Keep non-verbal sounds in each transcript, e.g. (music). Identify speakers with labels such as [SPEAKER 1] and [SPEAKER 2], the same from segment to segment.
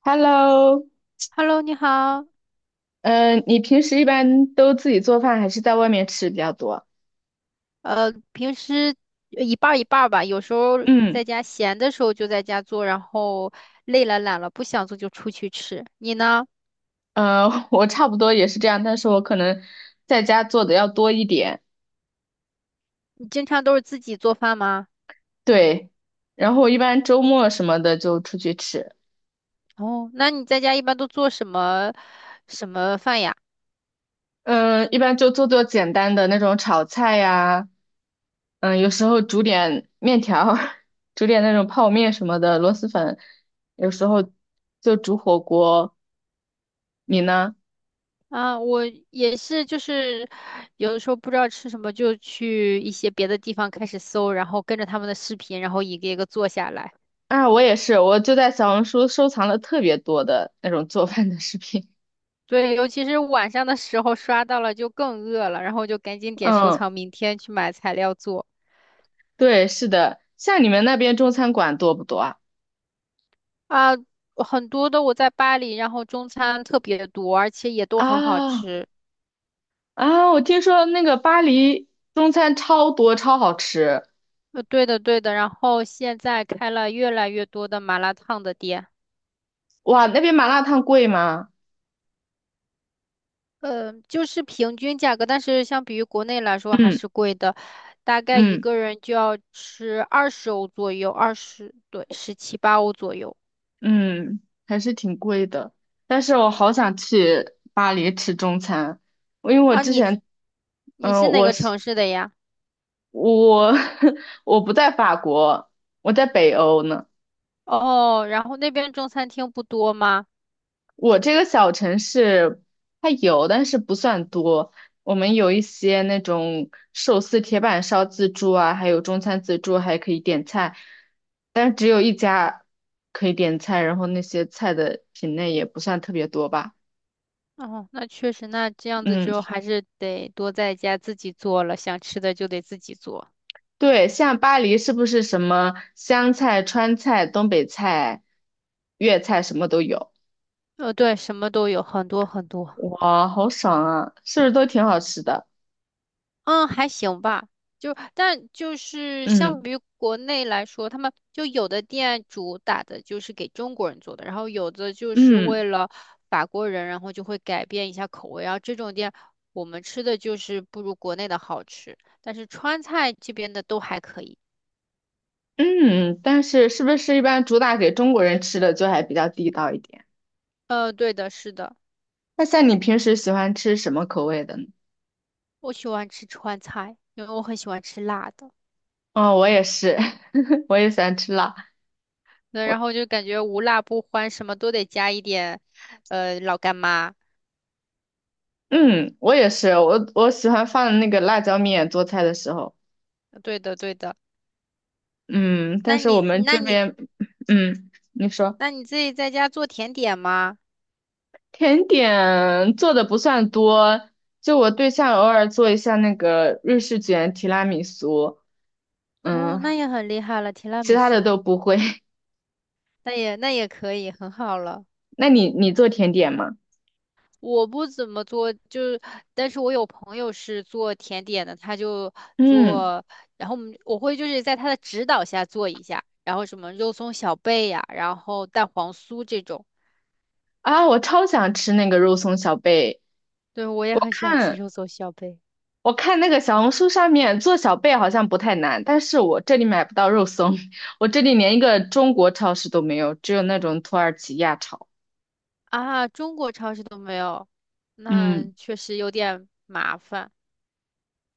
[SPEAKER 1] Hello，
[SPEAKER 2] Hello，你好。
[SPEAKER 1] 嗯，你平时一般都自己做饭还是在外面吃比较多？
[SPEAKER 2] 平时一半儿一半儿吧，有时候在
[SPEAKER 1] 嗯，
[SPEAKER 2] 家闲的时候就在家做，然后累了懒了不想做就出去吃。你呢？
[SPEAKER 1] (laughs) 我差不多也是这样，但是我可能在家做的要多一点。
[SPEAKER 2] 你经常都是自己做饭吗？
[SPEAKER 1] 对，然后我一般周末什么的就出去吃，
[SPEAKER 2] 哦，那你在家一般都做什么饭呀？
[SPEAKER 1] 嗯，一般就做做简单的那种炒菜呀，嗯，有时候煮点面条儿，(laughs) 煮点那种泡面什么的，螺蛳粉，有时候就煮火锅。你呢？
[SPEAKER 2] 啊，我也是，就是有的时候不知道吃什么，就去一些别的地方开始搜，然后跟着他们的视频，然后一个一个做下来。
[SPEAKER 1] 啊，我也是，我就在小红书收藏了特别多的那种做饭的视频。
[SPEAKER 2] 对，尤其是晚上的时候刷到了就更饿了，然后就赶紧
[SPEAKER 1] (laughs)
[SPEAKER 2] 点收
[SPEAKER 1] 嗯，
[SPEAKER 2] 藏，明天去买材料做
[SPEAKER 1] 对，是的，像你们那边中餐馆多不多啊？
[SPEAKER 2] 啊。很多的我在巴黎，然后中餐特别多，而且也都很好
[SPEAKER 1] 啊
[SPEAKER 2] 吃。
[SPEAKER 1] 啊，我听说那个巴黎中餐超多，超好吃。
[SPEAKER 2] 对的对的，然后现在开了越来越多的麻辣烫的店，
[SPEAKER 1] 哇，那边麻辣烫贵吗？
[SPEAKER 2] 就是平均价格，但是相比于国内来说还
[SPEAKER 1] 嗯
[SPEAKER 2] 是贵的，大概一
[SPEAKER 1] 嗯
[SPEAKER 2] 个人就要吃20欧左右，二十，对，17、18欧左右。
[SPEAKER 1] 嗯，还是挺贵的。但是我
[SPEAKER 2] 嗯，
[SPEAKER 1] 好想去巴黎吃中餐，因为我
[SPEAKER 2] 啊，
[SPEAKER 1] 之前，
[SPEAKER 2] 你
[SPEAKER 1] 嗯，
[SPEAKER 2] 是哪
[SPEAKER 1] 我
[SPEAKER 2] 个
[SPEAKER 1] 是
[SPEAKER 2] 城市的呀？
[SPEAKER 1] 我 (laughs) 我不在法国，我在北欧呢。
[SPEAKER 2] 哦，然后那边中餐厅不多吗？
[SPEAKER 1] 我这个小城市它有，但是不算多。我们有一些那种寿司铁板烧自助啊，还有中餐自助，还可以点菜，但是只有一家可以点菜，然后那些菜的品类也不算特别多吧。
[SPEAKER 2] 哦，那确实，那这样子
[SPEAKER 1] 嗯，
[SPEAKER 2] 就还是得多在家自己做了，想吃的就得自己做。
[SPEAKER 1] 对，像巴黎是不是什么湘菜、川菜、东北菜、粤菜什么都有？
[SPEAKER 2] 呃，对，什么都有，很多很多。
[SPEAKER 1] 哇，好爽啊！是不是都挺好吃的？
[SPEAKER 2] 嗯，还行吧。但就是相
[SPEAKER 1] 嗯
[SPEAKER 2] 比于国内来说，他们就有的店主打的就是给中国人做的，然后有的就是
[SPEAKER 1] 嗯。
[SPEAKER 2] 为了法国人，然后就会改变一下口味。然后这种店我们吃的就是不如国内的好吃，但是川菜这边的都还可以。
[SPEAKER 1] 嗯，但是是不是一般主打给中国人吃的就还比较地道一点？
[SPEAKER 2] 呃，对的，是的，
[SPEAKER 1] 那像你平时喜欢吃什么口味的呢？
[SPEAKER 2] 我喜欢吃川菜，因为我很喜欢吃辣的。
[SPEAKER 1] 哦，我也是，(laughs) 我也喜欢吃辣。
[SPEAKER 2] 那然后就感觉无辣不欢，什么都得加一点，老干妈。
[SPEAKER 1] 嗯，我也是，我喜欢放那个辣椒面做菜的时候。
[SPEAKER 2] 对的，对的。
[SPEAKER 1] 嗯，但
[SPEAKER 2] 那
[SPEAKER 1] 是我
[SPEAKER 2] 你，
[SPEAKER 1] 们这
[SPEAKER 2] 那你，
[SPEAKER 1] 边，嗯，你说
[SPEAKER 2] 那你自己在家做甜点吗？
[SPEAKER 1] 甜点做的不算多，就我对象偶尔做一下那个瑞士卷、提拉米苏，
[SPEAKER 2] 哦，
[SPEAKER 1] 嗯，
[SPEAKER 2] 那也很厉害了，提拉
[SPEAKER 1] 其
[SPEAKER 2] 米
[SPEAKER 1] 他的
[SPEAKER 2] 苏，
[SPEAKER 1] 都不会。(laughs)
[SPEAKER 2] 那也可以，很好了。
[SPEAKER 1] 那你做甜点吗？
[SPEAKER 2] 我不怎么做，就是，但是我有朋友是做甜点的，他就
[SPEAKER 1] 嗯。
[SPEAKER 2] 做，然后我会就是在他的指导下做一下，然后什么肉松小贝呀、然后蛋黄酥这种。
[SPEAKER 1] 啊，我超想吃那个肉松小贝。
[SPEAKER 2] 对，我也
[SPEAKER 1] 我
[SPEAKER 2] 很喜欢吃
[SPEAKER 1] 看
[SPEAKER 2] 肉松小贝
[SPEAKER 1] 我看那个小红书上面做小贝好像不太难，但是我这里买不到肉松，(laughs) 我这里连一个中国超市都没有，只有那种土耳其亚超。
[SPEAKER 2] 啊，中国超市都没有，那
[SPEAKER 1] 嗯，
[SPEAKER 2] 确实有点麻烦。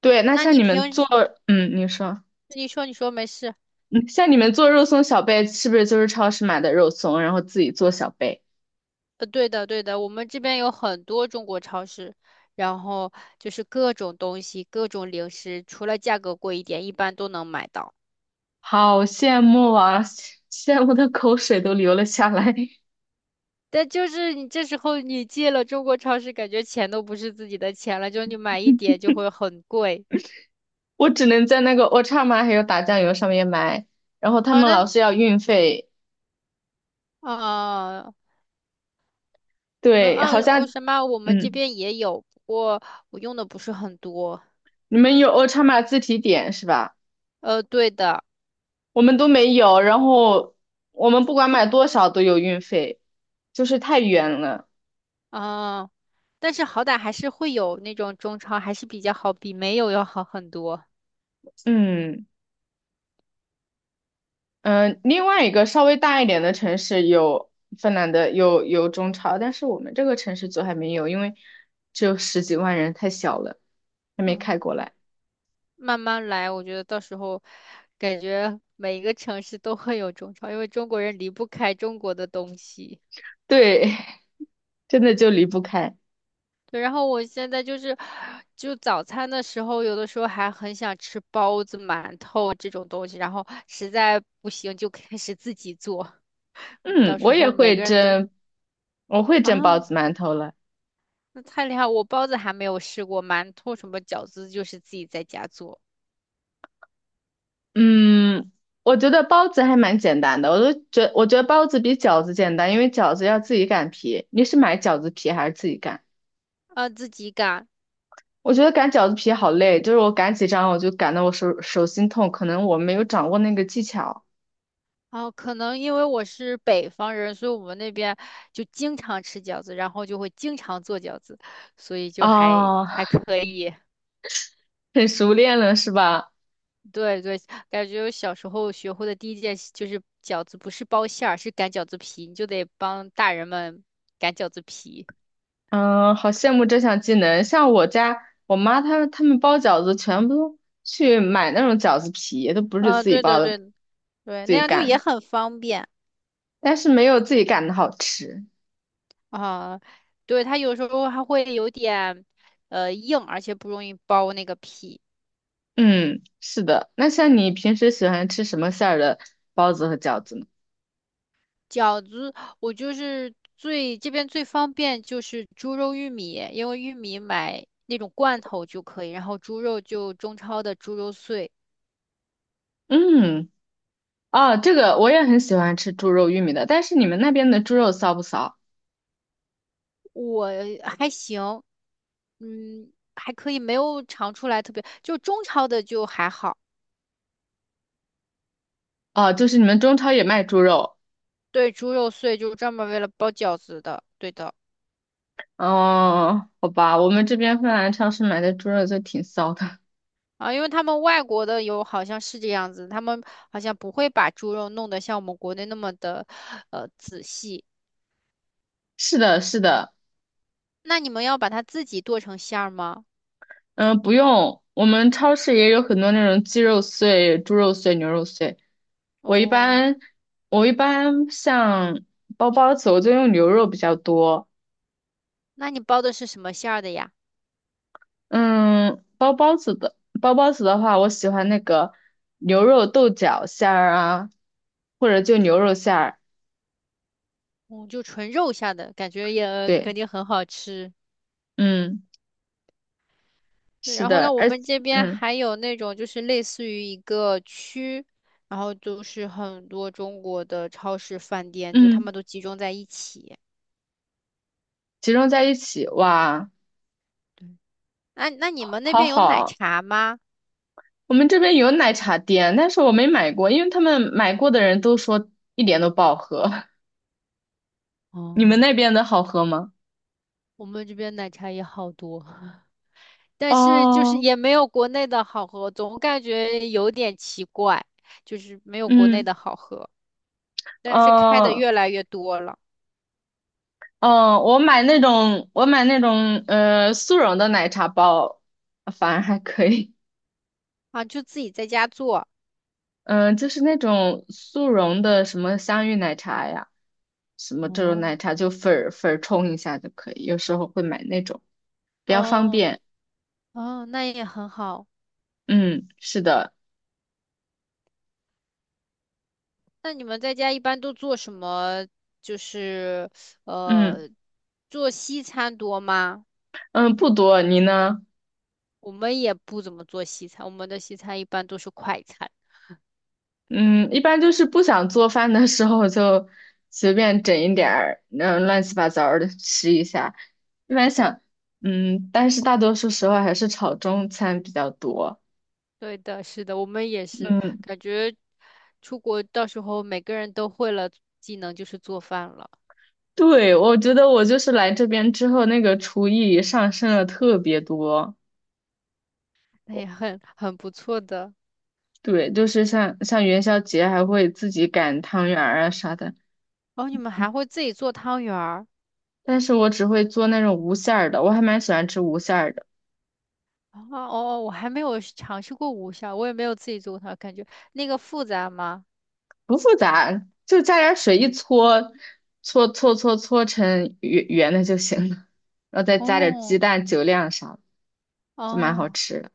[SPEAKER 1] 对，那
[SPEAKER 2] 那
[SPEAKER 1] 像
[SPEAKER 2] 你
[SPEAKER 1] 你们
[SPEAKER 2] 平
[SPEAKER 1] 做，
[SPEAKER 2] 时
[SPEAKER 1] 嗯，你说，
[SPEAKER 2] 你说你说没事。
[SPEAKER 1] 嗯，像你们做肉松小贝，是不是就是超市买的肉松，然后自己做小贝？
[SPEAKER 2] 呃，对的，对的，我们这边有很多中国超市，然后就是各种东西、各种零食，除了价格贵一点，一般都能买到。
[SPEAKER 1] 好羡慕啊，羡慕的口水都流了下来。(laughs)
[SPEAKER 2] 但就是你这时候你进了中国超市，感觉钱都不是自己的钱了，就你买一点就会很贵。
[SPEAKER 1] 我只能在那个 Ochama 还有打酱油上面买。然后他
[SPEAKER 2] 哦，
[SPEAKER 1] 们
[SPEAKER 2] 那
[SPEAKER 1] 老是要运费，
[SPEAKER 2] 啊、我们
[SPEAKER 1] 对，好
[SPEAKER 2] 按
[SPEAKER 1] 像
[SPEAKER 2] 哦什么，我们这
[SPEAKER 1] 嗯，
[SPEAKER 2] 边也有，不过我用的不是很多。
[SPEAKER 1] 你们有 OLT 自提点是吧？
[SPEAKER 2] 呃，对的，
[SPEAKER 1] 我们都没有，然后我们不管买多少都有运费，就是太远了。
[SPEAKER 2] 啊、但是好歹还是会有那种中超，还是比较好，比没有要好很多。
[SPEAKER 1] 嗯嗯，另外一个稍微大一点的城市有芬兰的有中超，但是我们这个城市就还没有，因为只有十几万人，太小了，还没
[SPEAKER 2] 嗯。
[SPEAKER 1] 开过来。
[SPEAKER 2] 慢慢来，我觉得到时候感觉每一个城市都会有中超，因为中国人离不开中国的东西。
[SPEAKER 1] 对，(laughs) 真的就离不开。
[SPEAKER 2] 对，然后我现在就是，就早餐的时候，有的时候还很想吃包子、馒头这种东西，然后实在不行就开始自己做。嗯
[SPEAKER 1] 嗯，
[SPEAKER 2] 到时
[SPEAKER 1] 我也
[SPEAKER 2] 候每
[SPEAKER 1] 会
[SPEAKER 2] 个人都
[SPEAKER 1] 蒸，我会蒸包
[SPEAKER 2] 啊，
[SPEAKER 1] 子馒头了。
[SPEAKER 2] 那太厉害！我包子还没有试过，馒头什么饺子就是自己在家做，
[SPEAKER 1] 嗯，我觉得包子还蛮简单的，我觉得包子比饺子简单，因为饺子要自己擀皮。你是买饺子皮还是自己擀？
[SPEAKER 2] 啊，自己擀。
[SPEAKER 1] 我觉得擀饺子皮好累，就是我擀几张我就擀得我手心痛，可能我没有掌握那个技巧。
[SPEAKER 2] 哦，可能因为我是北方人，所以我们那边就经常吃饺子，然后就会经常做饺子，所以就还
[SPEAKER 1] 哦，
[SPEAKER 2] 还可以。
[SPEAKER 1] 很熟练了是吧？
[SPEAKER 2] 对对，感觉我小时候学会的第一件事就是饺子不是包馅儿，是擀饺子皮，你就得帮大人们擀饺子皮。
[SPEAKER 1] 嗯，好羡慕这项技能。像我家我妈他们包饺子全部都去买那种饺子皮，都不是
[SPEAKER 2] 嗯，
[SPEAKER 1] 自己
[SPEAKER 2] 对
[SPEAKER 1] 包
[SPEAKER 2] 的
[SPEAKER 1] 的，
[SPEAKER 2] 对的对，
[SPEAKER 1] 自
[SPEAKER 2] 那
[SPEAKER 1] 己
[SPEAKER 2] 样就也
[SPEAKER 1] 擀，
[SPEAKER 2] 很方便
[SPEAKER 1] 但是没有自己擀的好吃。
[SPEAKER 2] 啊。对，它有时候还会有点硬，而且不容易包那个皮。
[SPEAKER 1] 嗯，是的。那像你平时喜欢吃什么馅儿的包子和饺子呢？
[SPEAKER 2] 饺子，我就是这边最方便就是猪肉玉米，因为玉米买那种罐头就可以，然后猪肉就中超的猪肉碎，
[SPEAKER 1] 嗯，哦，这个我也很喜欢吃猪肉玉米的，但是你们那边的猪肉骚不骚？
[SPEAKER 2] 我还行，嗯，还可以，没有尝出来特别，就中超的就还好。
[SPEAKER 1] 哦，就是你们中超也卖猪肉。
[SPEAKER 2] 对，猪肉碎就是专门为了包饺子的，对的
[SPEAKER 1] 哦，好吧，我们这边芬兰超市买的猪肉就挺骚的。
[SPEAKER 2] 啊，因为他们外国的有好像是这样子，他们好像不会把猪肉弄得像我们国内那么的仔细。
[SPEAKER 1] (laughs) 是的，是的，
[SPEAKER 2] 那你们要把它自己剁成馅儿吗？
[SPEAKER 1] 嗯，不用，我们超市也有很多那种鸡肉碎、猪肉碎、牛肉碎。我一
[SPEAKER 2] 哦，
[SPEAKER 1] 般，我一般像包包子，我就用牛肉比较多。
[SPEAKER 2] 那你包的是什么馅儿的呀？
[SPEAKER 1] 嗯，包包子的话，我喜欢那个牛肉豆角馅儿啊，或者就牛肉馅儿。
[SPEAKER 2] 哦，就纯肉馅儿的，感觉也
[SPEAKER 1] 对，
[SPEAKER 2] 肯定很好吃。
[SPEAKER 1] 嗯，
[SPEAKER 2] 对，
[SPEAKER 1] 是
[SPEAKER 2] 然后
[SPEAKER 1] 的，
[SPEAKER 2] 呢，我们这边
[SPEAKER 1] 嗯
[SPEAKER 2] 还有那种就是类似于一个区，然后就是很多中国的超市、饭店，就他
[SPEAKER 1] 嗯，
[SPEAKER 2] 们都集中在一起。
[SPEAKER 1] 集中在一起，哇，
[SPEAKER 2] 对，那你们那
[SPEAKER 1] 好
[SPEAKER 2] 边有奶
[SPEAKER 1] 好。
[SPEAKER 2] 茶吗？
[SPEAKER 1] 我们这边有奶茶店，但是我没买过，因为他们买过的人都说一点都不好喝。(laughs) 你
[SPEAKER 2] 哦，
[SPEAKER 1] 们那边的好喝吗？
[SPEAKER 2] 我们这边奶茶也好多，(laughs) 但是就是
[SPEAKER 1] 哦，
[SPEAKER 2] 也没有国内的好喝，总感觉有点奇怪，就是没有国内
[SPEAKER 1] 嗯，
[SPEAKER 2] 的好喝。但是开的
[SPEAKER 1] 哦，
[SPEAKER 2] 越来越多了
[SPEAKER 1] 嗯，我买那种，速溶的奶茶包，反而还可以。
[SPEAKER 2] 啊，就自己在家做。
[SPEAKER 1] 嗯，就是那种速溶的什么香芋奶茶呀，什么这种
[SPEAKER 2] 哦，
[SPEAKER 1] 奶茶，就粉儿粉儿冲一下就可以。有时候会买那种，比较方
[SPEAKER 2] 哦
[SPEAKER 1] 便。
[SPEAKER 2] 哦，那也很好。
[SPEAKER 1] 嗯，是的，
[SPEAKER 2] 那你们在家一般都做什么？就是
[SPEAKER 1] 嗯
[SPEAKER 2] 呃，做西餐多吗？
[SPEAKER 1] 嗯，不多。你呢？
[SPEAKER 2] 我们也不怎么做西餐，我们的西餐一般都是快餐。
[SPEAKER 1] 嗯，一般就是不想做饭的时候就随便整一点儿，嗯，乱七八糟的吃一下。一般想，嗯，但是大多数时候还是炒中餐比较多。
[SPEAKER 2] 对的，是的，我们也是，
[SPEAKER 1] 嗯，
[SPEAKER 2] 感觉出国到时候每个人都会了技能，就是做饭了，
[SPEAKER 1] 对，我觉得我就是来这边之后，那个厨艺上升了特别多。
[SPEAKER 2] 那也很很不错的。
[SPEAKER 1] 对，就是像元宵节还会自己擀汤圆儿啊啥的，
[SPEAKER 2] 哦，你们还会自己做汤圆儿。
[SPEAKER 1] 但是我只会做那种无馅儿的，我还蛮喜欢吃无馅儿的。
[SPEAKER 2] 啊，哦，哦，我还没有是尝试过无效，我也没有自己做过它，感觉那个复杂吗？
[SPEAKER 1] 不复杂，就加点儿水一搓，搓搓搓搓成圆圆的就行了，然后再加点儿鸡
[SPEAKER 2] 哦
[SPEAKER 1] 蛋、酒酿啥的，就蛮好
[SPEAKER 2] 哦，
[SPEAKER 1] 吃的。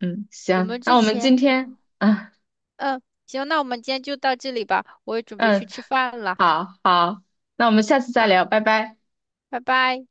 [SPEAKER 1] 嗯，
[SPEAKER 2] 我
[SPEAKER 1] 行，
[SPEAKER 2] 们
[SPEAKER 1] 那
[SPEAKER 2] 之
[SPEAKER 1] 我们
[SPEAKER 2] 前，
[SPEAKER 1] 今天，
[SPEAKER 2] 嗯
[SPEAKER 1] 啊，
[SPEAKER 2] 嗯，行，那我们今天就到这里吧，我也准备去
[SPEAKER 1] 嗯，
[SPEAKER 2] 吃饭了，
[SPEAKER 1] 好好，那我们下次再
[SPEAKER 2] 嗯，
[SPEAKER 1] 聊，拜拜。
[SPEAKER 2] 拜拜。